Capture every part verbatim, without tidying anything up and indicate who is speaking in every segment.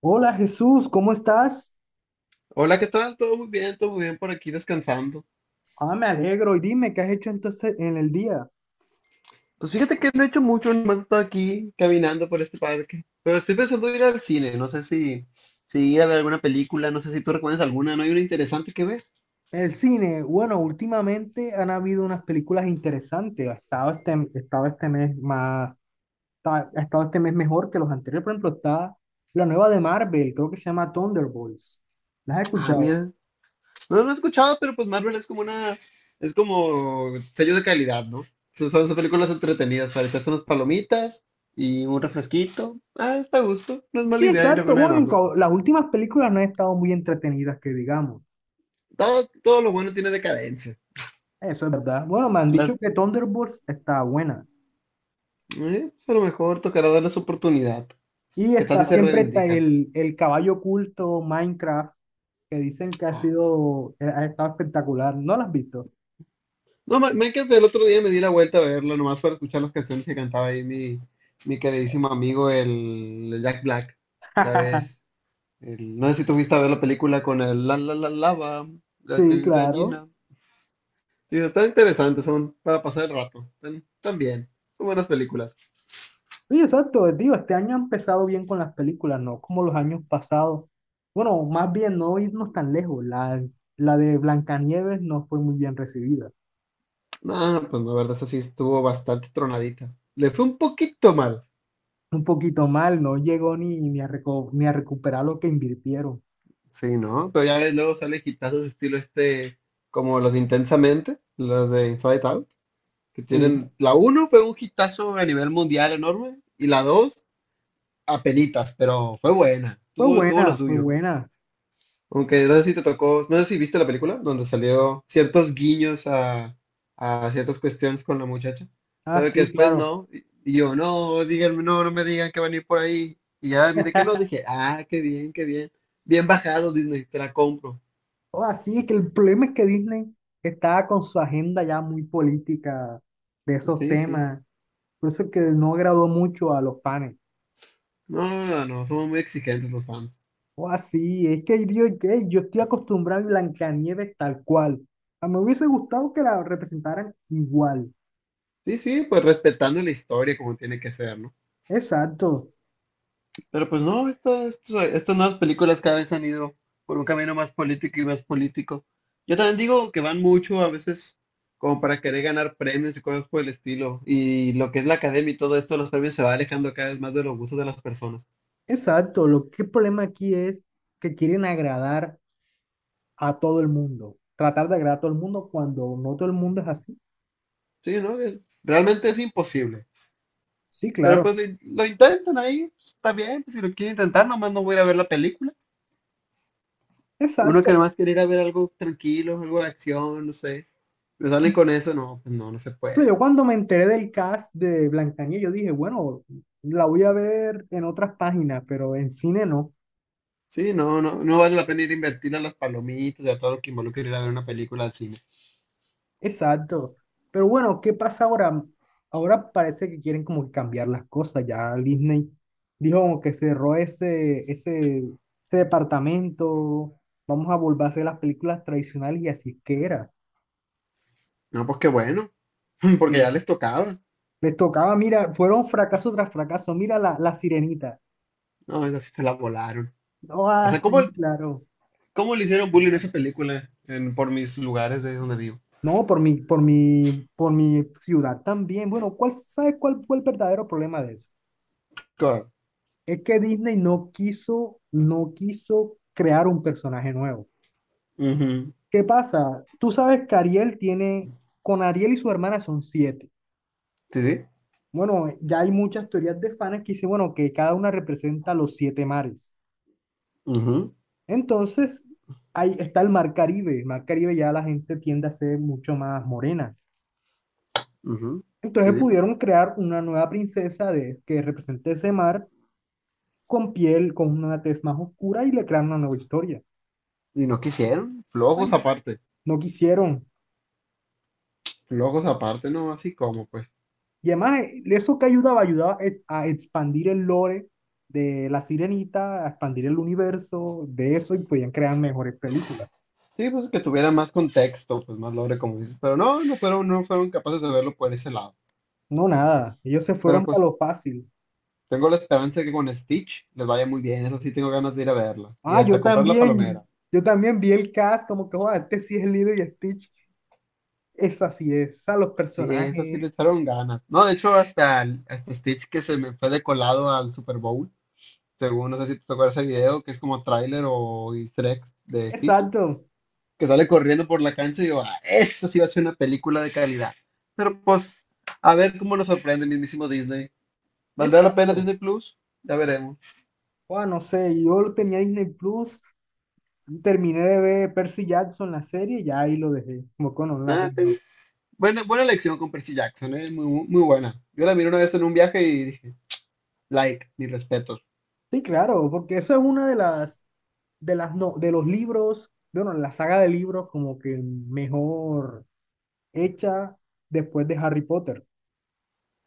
Speaker 1: Hola Jesús, ¿cómo estás?
Speaker 2: Hola, ¿qué tal? Todo muy bien, todo muy bien por aquí descansando.
Speaker 1: Ah, me alegro. Y dime, ¿qué has hecho entonces en el día?
Speaker 2: Pues fíjate que no he hecho mucho, nomás he estado aquí caminando por este parque. Pero estoy pensando ir al cine, no sé si, si ir a ver alguna película, no sé si tú recuerdas alguna, ¿no hay una interesante que ver?
Speaker 1: El cine, bueno, últimamente han habido unas películas interesantes. Ha estado este, ha estado este mes más, ha ha estado este mes mejor que los anteriores. Por ejemplo, está la nueva de Marvel, creo que se llama Thunderbolts. ¿Las has
Speaker 2: Ah,
Speaker 1: escuchado?
Speaker 2: mira, no lo he escuchado, pero pues Marvel es como una, es como sello de calidad, ¿no? Son, son películas entretenidas, para echarse unas palomitas y un refresquito. Ah, está a gusto, no es mala
Speaker 1: Sí,
Speaker 2: idea ir a ver
Speaker 1: exacto.
Speaker 2: una de
Speaker 1: Bueno,
Speaker 2: Marvel.
Speaker 1: co- las últimas películas no han estado muy entretenidas, que digamos.
Speaker 2: Todo, todo lo bueno tiene decadencia.
Speaker 1: Eso es verdad. Bueno, me han dicho que Thunderbolts está buena.
Speaker 2: Eh, pues a lo mejor tocará darles oportunidad.
Speaker 1: Y
Speaker 2: Que tal
Speaker 1: está
Speaker 2: si se
Speaker 1: siempre ta-
Speaker 2: reivindican.
Speaker 1: el, el caballo oculto, Minecraft, que dicen que ha sido, eh, ha estado espectacular. ¿No la has visto?
Speaker 2: No, Ma- Minecraft el otro día me di la vuelta a verlo, nomás para escuchar las canciones que cantaba ahí mi, mi queridísimo amigo, el, el Jack Black. Ya ves, el- no sé si tú fuiste a ver la película con el la la la lava, la
Speaker 1: Sí,
Speaker 2: g-
Speaker 1: claro.
Speaker 2: gallina. Sí, están interesantes, son para pasar el rato. Están, están bien, son buenas películas.
Speaker 1: Sí, exacto, digo, este año ha empezado bien con las películas, ¿no? Como los años pasados. Bueno, más bien no irnos tan lejos. La, la de Blancanieves no fue muy bien recibida.
Speaker 2: No, pues la verdad, esa sí estuvo bastante tronadita. Le fue un poquito mal.
Speaker 1: Un poquito mal, no llegó ni, ni a reco- ni a recuperar lo que invirtieron.
Speaker 2: Sí, ¿no? Pero ya ves, luego sale hitazos estilo este, como los de Intensamente, los de Inside Out, que
Speaker 1: Sí,
Speaker 2: tienen, la uno fue un hitazo a nivel mundial enorme, y la dos apenitas, pero fue buena,
Speaker 1: fue
Speaker 2: tuvo, tuvo lo
Speaker 1: buena, fue
Speaker 2: suyo.
Speaker 1: buena.
Speaker 2: Aunque no sé si te tocó, no sé si viste la película, donde salió ciertos guiños a, a ciertas cuestiones con la muchacha,
Speaker 1: Ah,
Speaker 2: pero que
Speaker 1: sí,
Speaker 2: después
Speaker 1: claro.
Speaker 2: no, y y yo, no, díganme, no, no me digan que van a ir por ahí, y ya, mire que no, dije, ah, qué bien, qué bien, bien bajado Disney, te la compro.
Speaker 1: o Así que el problema es que Disney está con su agenda ya muy política de esos
Speaker 2: Sí, sí.
Speaker 1: temas. Por eso es que no agradó mucho a los fans.
Speaker 2: No, no, somos muy exigentes los fans.
Speaker 1: O así, es que yo, que yo estoy acostumbrado a Blancanieves tal cual. A mí me hubiese gustado que la representaran igual.
Speaker 2: Sí, sí, pues respetando la historia como tiene que ser, ¿no?
Speaker 1: Exacto,
Speaker 2: Pero pues no, esta- estos- estas nuevas películas cada vez han ido por un camino más político y más político. Yo también digo que van mucho a veces como para querer ganar premios y cosas por el estilo. Y lo que es la academia y todo esto, los premios se va alejando cada vez más de los gustos de las personas.
Speaker 1: exacto. Lo que el problema aquí es que quieren agradar a todo el mundo. Tratar de agradar a todo el mundo cuando no todo el mundo es así.
Speaker 2: Sí, ¿no? Es- realmente es imposible.
Speaker 1: Sí,
Speaker 2: Pero
Speaker 1: claro.
Speaker 2: pues lo, lo intentan ahí, pues, está bien, pues, si lo quieren intentar, nomás no voy a ir a ver la película. Uno que
Speaker 1: Exacto.
Speaker 2: nomás quiere ir a ver algo tranquilo, algo de acción, no sé. Me salen con eso, no, pues no, no se
Speaker 1: Pero yo
Speaker 2: puede.
Speaker 1: cuando me enteré del cast de Blancanieves, yo dije, bueno, la voy a ver en otras páginas, pero en cine no.
Speaker 2: Sí, no, no, no vale la pena ir a invertir a las palomitas y a todo lo que involucra ir a ver una película al cine.
Speaker 1: Exacto. Pero bueno, ¿qué pasa ahora? Ahora parece que quieren como que cambiar las cosas. Ya Disney dijo como que cerró ese, ese, ese departamento. Vamos a volver a hacer las películas tradicionales y así es que era.
Speaker 2: No, pues qué bueno, porque
Speaker 1: Sí.
Speaker 2: ya les tocaba.
Speaker 1: Les tocaba, mira, fueron fracaso tras fracaso. Mira la, la Sirenita.
Speaker 2: No, esa sí se la volaron.
Speaker 1: No,
Speaker 2: O
Speaker 1: ah,
Speaker 2: sea, ¿cómo,
Speaker 1: sí, claro.
Speaker 2: ¿cómo le hicieron bullying a esa película en, por mis lugares de donde vivo?
Speaker 1: No, por mi, por mi, por mi ciudad también. Bueno, ¿cuál, sabe cuál fue el verdadero problema de eso?
Speaker 2: Claro.
Speaker 1: Es que Disney no quiso, no quiso crear un personaje nuevo.
Speaker 2: Ujú.
Speaker 1: ¿Qué pasa? Tú sabes que Ariel tiene, con Ariel y su hermana son siete.
Speaker 2: Sí, sí.
Speaker 1: Bueno, ya hay muchas teorías de fans que dicen, bueno, que cada una representa los siete mares.
Speaker 2: Ujú,
Speaker 1: Entonces, ahí está el mar Caribe. El mar Caribe ya la gente tiende a ser mucho más morena.
Speaker 2: ujú. Sí,
Speaker 1: Entonces
Speaker 2: sí,
Speaker 1: pudieron
Speaker 2: perfecto.
Speaker 1: crear una nueva princesa de, que represente ese mar con piel, con una tez más oscura y le crearon una nueva historia.
Speaker 2: Y no quisieron,
Speaker 1: Ay,
Speaker 2: flojos aparte,
Speaker 1: no quisieron.
Speaker 2: flojos aparte, no, así como pues.
Speaker 1: Y además, eh, eso que ayudaba, ayudaba es a expandir el lore de La Sirenita, a expandir el universo de eso y podían crear mejores películas.
Speaker 2: Sí, pues que tuviera más contexto, pues más lore, como dices, pero no, no fueron, no fueron capaces de verlo por ese lado.
Speaker 1: No, nada, ellos se
Speaker 2: Pero
Speaker 1: fueron para
Speaker 2: pues
Speaker 1: lo fácil.
Speaker 2: tengo la esperanza de que con Stitch les vaya muy bien, eso sí tengo ganas de ir a verla. Y
Speaker 1: Ah, yo
Speaker 2: hasta comprar la palomera.
Speaker 1: también, yo también vi el cast, como que, joder, este sí es Lilo y Stitch. Esa sí es, a los
Speaker 2: Sí, eso sí le
Speaker 1: personajes.
Speaker 2: echaron ganas. No, de hecho, hasta, el- hasta Stitch que se me fue de colado al Super Bowl, según no sé si te acuerdas ese video, que es como tráiler o easter eggs de Stitch,
Speaker 1: Exacto.
Speaker 2: que sale corriendo por la cancha y yo, ah, esto sí va a ser una película de calidad. Pero pues, a ver cómo nos sorprende el mismísimo Disney. ¿Valdrá la pena
Speaker 1: Exacto.
Speaker 2: Disney Plus? Ya veremos.
Speaker 1: Bueno, no sé, yo lo tenía Disney Plus, terminé de ver Percy Jackson la serie y ya ahí lo dejé, como con una red.
Speaker 2: Ah, tengo- buena, buena elección con Percy Jackson, ¿eh? Muy, muy, muy buena. Yo la miré una vez en un viaje y dije, like, mis respetos.
Speaker 1: Sí, claro, porque eso es una de las, de las, no, de los libros, de, bueno, la saga de libros como que mejor hecha después de Harry Potter.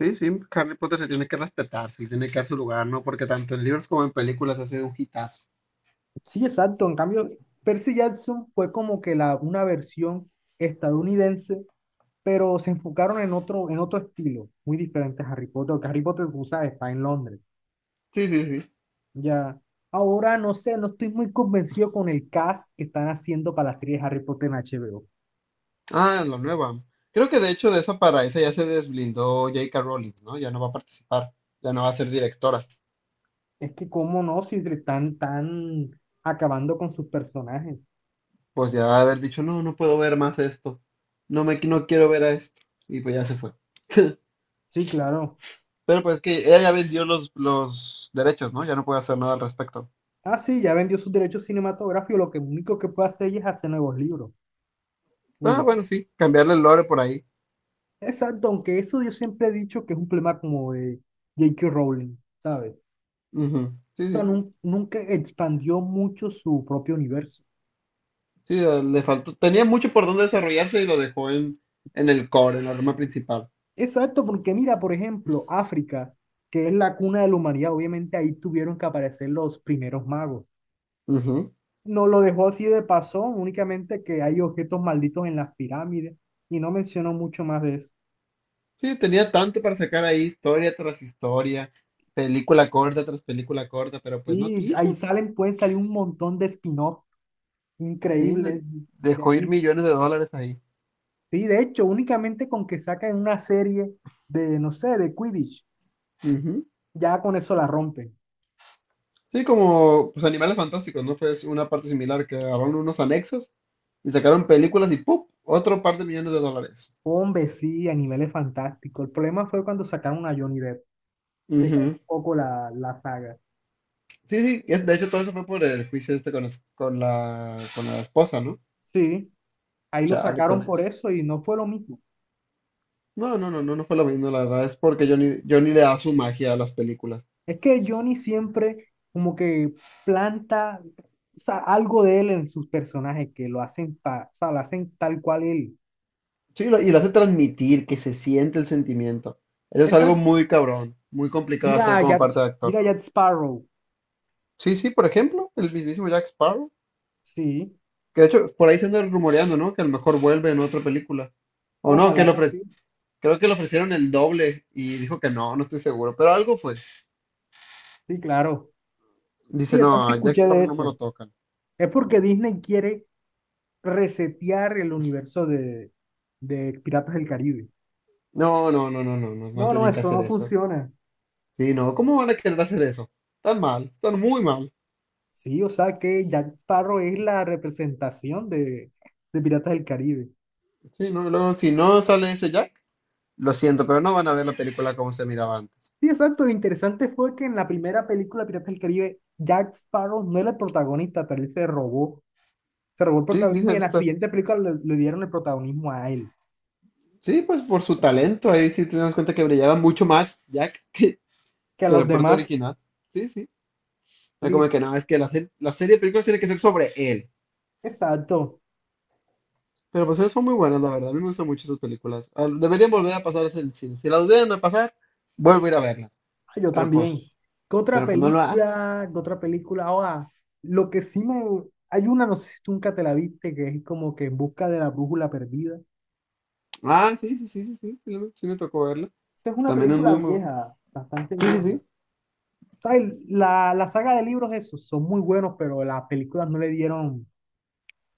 Speaker 2: Sí, sí, Harry Potter se tiene que respetar, sí, tiene que dar su lugar, ¿no? Porque tanto en libros como en películas ha sido un hitazo.
Speaker 1: Sí, exacto. En cambio, Percy Jackson fue como que la, una versión estadounidense, pero se enfocaron en otro, en otro estilo, muy diferente a Harry Potter, porque Harry Potter, tú sabes, está en Londres.
Speaker 2: Sí, sí, sí.
Speaker 1: Ya, ahora no sé, no estoy muy convencido con el cast que están haciendo para la serie de Harry Potter en H B O.
Speaker 2: Ah, la nueva. Creo que de hecho de esa para esa ya se desblindó J K Rowling, ¿no? Ya no va a participar, ya no va a ser directora.
Speaker 1: Es que cómo no, si le están tan acabando con sus personajes.
Speaker 2: Pues ya va a haber dicho, no, no puedo ver más esto, no me, no quiero ver a esto. Y pues ya se fue.
Speaker 1: Sí, claro.
Speaker 2: Pero pues que ella ya vendió los, los derechos, ¿no? Ya no puede hacer nada al respecto.
Speaker 1: Ah, sí, ya vendió sus derechos cinematográficos, lo que único que puede hacer ella es hacer nuevos libros. Y
Speaker 2: Ah, bueno,
Speaker 1: ya.
Speaker 2: sí, cambiarle el lore por ahí.
Speaker 1: Exacto, aunque eso yo siempre he dicho que es un problema como de J K. Rowling, ¿sabes? O
Speaker 2: Ujú, sí,
Speaker 1: sea,
Speaker 2: sí.
Speaker 1: nun- nunca expandió mucho su propio universo.
Speaker 2: Sí, eh, le faltó. Tenía mucho por dónde desarrollarse y lo dejó en, en el core, en la rama principal.
Speaker 1: Exacto, porque mira, por ejemplo, África, que es la cuna de la humanidad, obviamente ahí tuvieron que aparecer los primeros magos.
Speaker 2: Ujú.
Speaker 1: No lo dejó así de pasón, únicamente que hay objetos malditos en las pirámides y no mencionó mucho más de eso.
Speaker 2: Sí, tenía tanto para sacar ahí, historia tras historia, película corta tras película corta, pero pues no
Speaker 1: Sí, ahí
Speaker 2: quiso.
Speaker 1: salen, pueden salir un montón de spin-off
Speaker 2: Sí, de-
Speaker 1: increíbles de
Speaker 2: dejó ir
Speaker 1: ahí.
Speaker 2: millones de dólares ahí.
Speaker 1: Sí, de hecho, únicamente con que saquen una serie de, no sé, de Quidditch, ya con eso la rompen.
Speaker 2: Sí, como pues, Animales Fantásticos, ¿no? Fue una parte similar que agarraron unos anexos y sacaron películas y ¡pum! Otro par de millones de dólares.
Speaker 1: Hombre, sí, a niveles fantásticos. El problema fue cuando sacaron a Johnny Depp, decayó
Speaker 2: Ujú.
Speaker 1: un poco la, la saga.
Speaker 2: Sí, sí, es- de hecho todo eso fue por el juicio este con, es- con la, con la esposa, ¿no?
Speaker 1: Sí, ahí lo
Speaker 2: Chale, con
Speaker 1: sacaron por
Speaker 2: eso.
Speaker 1: eso y no fue lo mismo.
Speaker 2: No, no, no, no, no fue lo mismo, la verdad, es porque Johnny, Johnny le da su magia a las películas.
Speaker 1: Es que Johnny siempre como que planta, o sea, algo de él en sus personajes que lo hacen, ta- o sea, lo hacen tal cual él.
Speaker 2: Sí, lo- y lo hace transmitir, que se siente el sentimiento. Eso es algo
Speaker 1: Esa,
Speaker 2: muy cabrón, muy complicado de
Speaker 1: mira
Speaker 2: hacer
Speaker 1: a
Speaker 2: como
Speaker 1: Jack,
Speaker 2: parte de actor.
Speaker 1: mira a Jack Sparrow.
Speaker 2: Sí, sí, por ejemplo, el mismísimo Jack Sparrow.
Speaker 1: Sí,
Speaker 2: Que de hecho, por ahí se anda rumoreando, ¿no? Que a lo mejor vuelve en otra película. O no, que
Speaker 1: ojalá
Speaker 2: le
Speaker 1: que sí.
Speaker 2: ofrece. Creo que le ofrecieron el doble y dijo que no, no estoy seguro, pero algo fue.
Speaker 1: Sí, claro. Sí,
Speaker 2: Dice,
Speaker 1: yo
Speaker 2: no,
Speaker 1: también
Speaker 2: a Jack
Speaker 1: escuché
Speaker 2: Sparrow
Speaker 1: de
Speaker 2: no me
Speaker 1: eso.
Speaker 2: lo tocan.
Speaker 1: Es porque Disney quiere resetear el universo de, de Piratas del Caribe.
Speaker 2: No, no, no, no, no, no, no
Speaker 1: No, no,
Speaker 2: tienen que
Speaker 1: eso
Speaker 2: hacer
Speaker 1: no
Speaker 2: eso.
Speaker 1: funciona.
Speaker 2: Sí, no, ¿cómo van a querer hacer eso? Están mal, están muy mal.
Speaker 1: Sí, o sea que Jack Sparrow es la representación de, de Piratas del Caribe.
Speaker 2: Sí, no, luego si no sale ese Jack, lo siento, pero no van a ver la película como se miraba antes.
Speaker 1: Sí, exacto. Lo interesante fue que en la primera película Piratas del Caribe, Jack Sparrow no era el protagonista, pero él se robó, se robó el
Speaker 2: Sí, sí,
Speaker 1: protagonismo y en
Speaker 2: debe
Speaker 1: la
Speaker 2: ser.
Speaker 1: siguiente película le, le dieron el protagonismo a él,
Speaker 2: Sí, pues por su talento, ahí sí tenemos cuenta que brillaba mucho más Jack que,
Speaker 1: que a
Speaker 2: que
Speaker 1: los
Speaker 2: el puerto
Speaker 1: demás.
Speaker 2: original. Sí, sí. No, como que
Speaker 1: Listo.
Speaker 2: no, es que la, se- la serie de películas tiene que ser sobre él.
Speaker 1: Exacto.
Speaker 2: Pero pues son muy buenas, la verdad. A mí me gustan mucho esas películas. Ah, deberían volver a pasarlas en el cine. Si las volvieran a pasar, vuelvo a ir a verlas.
Speaker 1: Ah, yo
Speaker 2: Pero pues,
Speaker 1: también. ¿Qué otra
Speaker 2: pero pues no lo hacen.
Speaker 1: película? ¿Qué otra película? Ahora, lo que sí me... Hay una, no sé si tú nunca te la viste, que es como que en busca de la brújula perdida.
Speaker 2: Ah, sí, sí, sí, sí, sí, sí, lo- sí me tocó verla.
Speaker 1: Esa es una
Speaker 2: También es
Speaker 1: película
Speaker 2: muy, muy bu-
Speaker 1: vieja, bastante
Speaker 2: sí, sí,
Speaker 1: vieja.
Speaker 2: sí.
Speaker 1: ¿Sabes? La, la saga de libros, esos son muy buenos, pero las películas no le dieron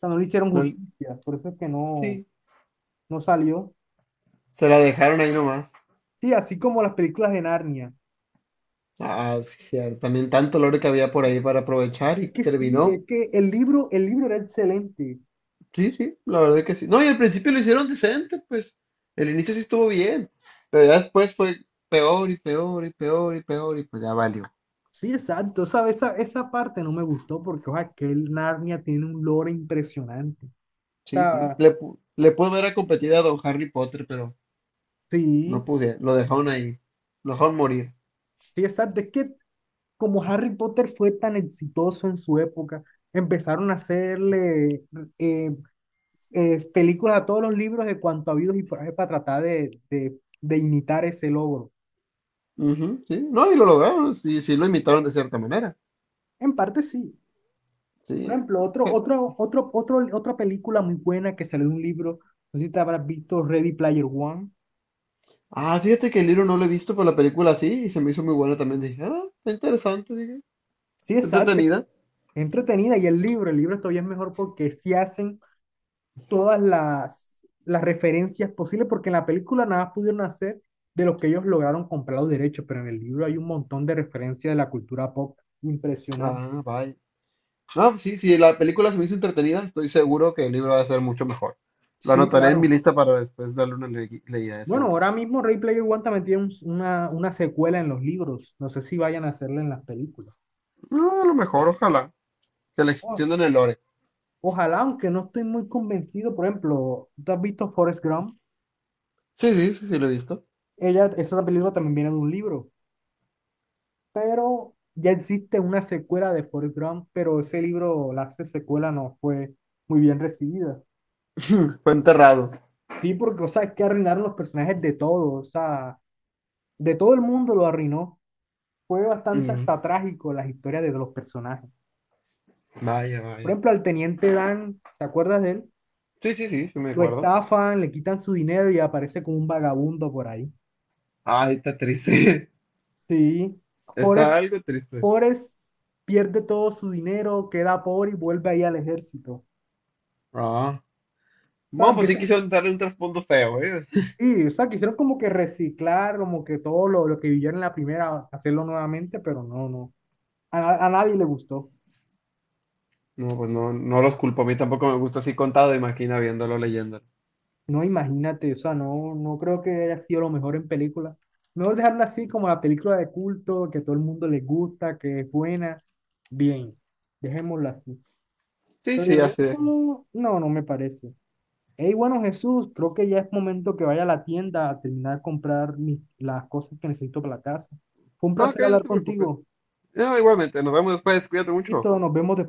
Speaker 1: sea, no le hicieron
Speaker 2: lo-
Speaker 1: justicia, por eso es que no,
Speaker 2: sí.
Speaker 1: no salió.
Speaker 2: Se la dejaron ahí nomás.
Speaker 1: Sí, así como las películas de Narnia.
Speaker 2: Ah, sí, cierto. También tanto lore que había por ahí para aprovechar y
Speaker 1: Es que sí, es
Speaker 2: terminó.
Speaker 1: que el libro, el libro era excelente.
Speaker 2: Sí, sí, la verdad que sí. No, y al principio lo hicieron decente, pues. El inicio sí estuvo bien, pero ya después fue peor y peor y peor y peor y pues ya valió.
Speaker 1: Sí, exacto. Sabes esa, esa parte no me gustó porque, o sea, que el Narnia tiene un lore impresionante. O
Speaker 2: Sí, sí.
Speaker 1: sea,
Speaker 2: Le, pu- le pudo haber competido a Don Harry Potter, pero no
Speaker 1: sí,
Speaker 2: pude. Lo dejaron ahí. Lo dejaron morir.
Speaker 1: sí, exacto. Es que como Harry Potter fue tan exitoso en su época, empezaron a hacerle eh, eh, películas a todos los libros de cuanto habidos y por ahí para tratar de, de, de imitar ese logro.
Speaker 2: Ujú, sí. No, y lo lograron. Sí, sí, lo imitaron de cierta manera.
Speaker 1: En parte sí. Por
Speaker 2: Sí.
Speaker 1: ejemplo, otro,
Speaker 2: Je-
Speaker 1: otro, otro, otro, otra película muy buena que salió de un libro, no sé si te habrás visto Ready Player One.
Speaker 2: ah, fíjate que el libro no lo he visto, pero la película sí, y se me hizo muy buena también. Dije, ah, está interesante, dije.
Speaker 1: Sí,
Speaker 2: Está
Speaker 1: exacto, es
Speaker 2: entretenida.
Speaker 1: entretenida y el libro, el libro todavía es mejor porque sí hacen todas las, las referencias posibles, porque en la película nada más pudieron hacer de lo que ellos lograron comprar los derechos, pero en el libro hay un montón de referencias de la cultura pop impresionante.
Speaker 2: Ah, vaya. No, sí, sí, la película se me hizo entretenida, estoy seguro que el libro va a ser mucho mejor. Lo
Speaker 1: Sí,
Speaker 2: anotaré en mi
Speaker 1: claro.
Speaker 2: lista para después darle una le- leída de
Speaker 1: Bueno,
Speaker 2: seguro.
Speaker 1: ahora mismo Ready Player One también tiene un- una, una secuela en los libros, no sé si vayan a hacerla en las películas.
Speaker 2: No, a lo mejor, ojalá. Que la extiendan el lore.
Speaker 1: Ojalá, aunque no estoy muy convencido, por ejemplo, ¿tú has visto Forrest Gump?
Speaker 2: Sí, sí, sí, sí, lo he visto.
Speaker 1: Ella, esa película también viene de un libro, pero ya existe una secuela de Forrest Gump, pero ese libro, la se- secuela no fue muy bien recibida.
Speaker 2: Fue enterrado.
Speaker 1: Sí, porque, o sea, es que arruinaron los personajes de todos, o sea, de todo el mundo lo arruinó. Fue bastante
Speaker 2: Mm,
Speaker 1: hasta trágico las historias de los personajes.
Speaker 2: vaya,
Speaker 1: Por
Speaker 2: vaya.
Speaker 1: ejemplo, al teniente Dan, ¿te acuerdas de él?
Speaker 2: Sí, sí, sí, sí me
Speaker 1: Lo
Speaker 2: acuerdo.
Speaker 1: estafan, le quitan su dinero y aparece como un vagabundo por ahí.
Speaker 2: Ay, está triste.
Speaker 1: Sí.
Speaker 2: Está
Speaker 1: Forrest
Speaker 2: algo triste.
Speaker 1: Forrest pierde todo su dinero, queda pobre y vuelve ahí al ejército. O
Speaker 2: Ah.
Speaker 1: sea,
Speaker 2: Bueno, pues sí
Speaker 1: empieza-
Speaker 2: quisieron darle un trasfondo feo, ¿eh?
Speaker 1: sí, o sea, quisieron como que reciclar, como que todo lo, lo que vivieron en la primera, hacerlo nuevamente, pero no, no. A, na- a nadie le gustó.
Speaker 2: No, pues no, no los culpo. A mí tampoco me gusta así contado, imagina viéndolo, leyéndolo.
Speaker 1: No, imagínate, o sea, no, no creo que haya sido lo mejor en película. Mejor dejarla así como la película de culto, que a todo el mundo le gusta, que es buena. Bien, dejémosla así.
Speaker 2: Sí,
Speaker 1: Pero el
Speaker 2: sí, así
Speaker 1: resto,
Speaker 2: deja.
Speaker 1: no, no me parece. Hey, bueno, Jesús, creo que ya es momento que vaya a la tienda a terminar de comprar mis- las cosas que necesito para la casa. Fue un
Speaker 2: Ok,
Speaker 1: placer
Speaker 2: no
Speaker 1: hablar
Speaker 2: te preocupes.
Speaker 1: contigo.
Speaker 2: No, igualmente, nos vemos después, cuídate mucho.
Speaker 1: Listo, nos vemos después.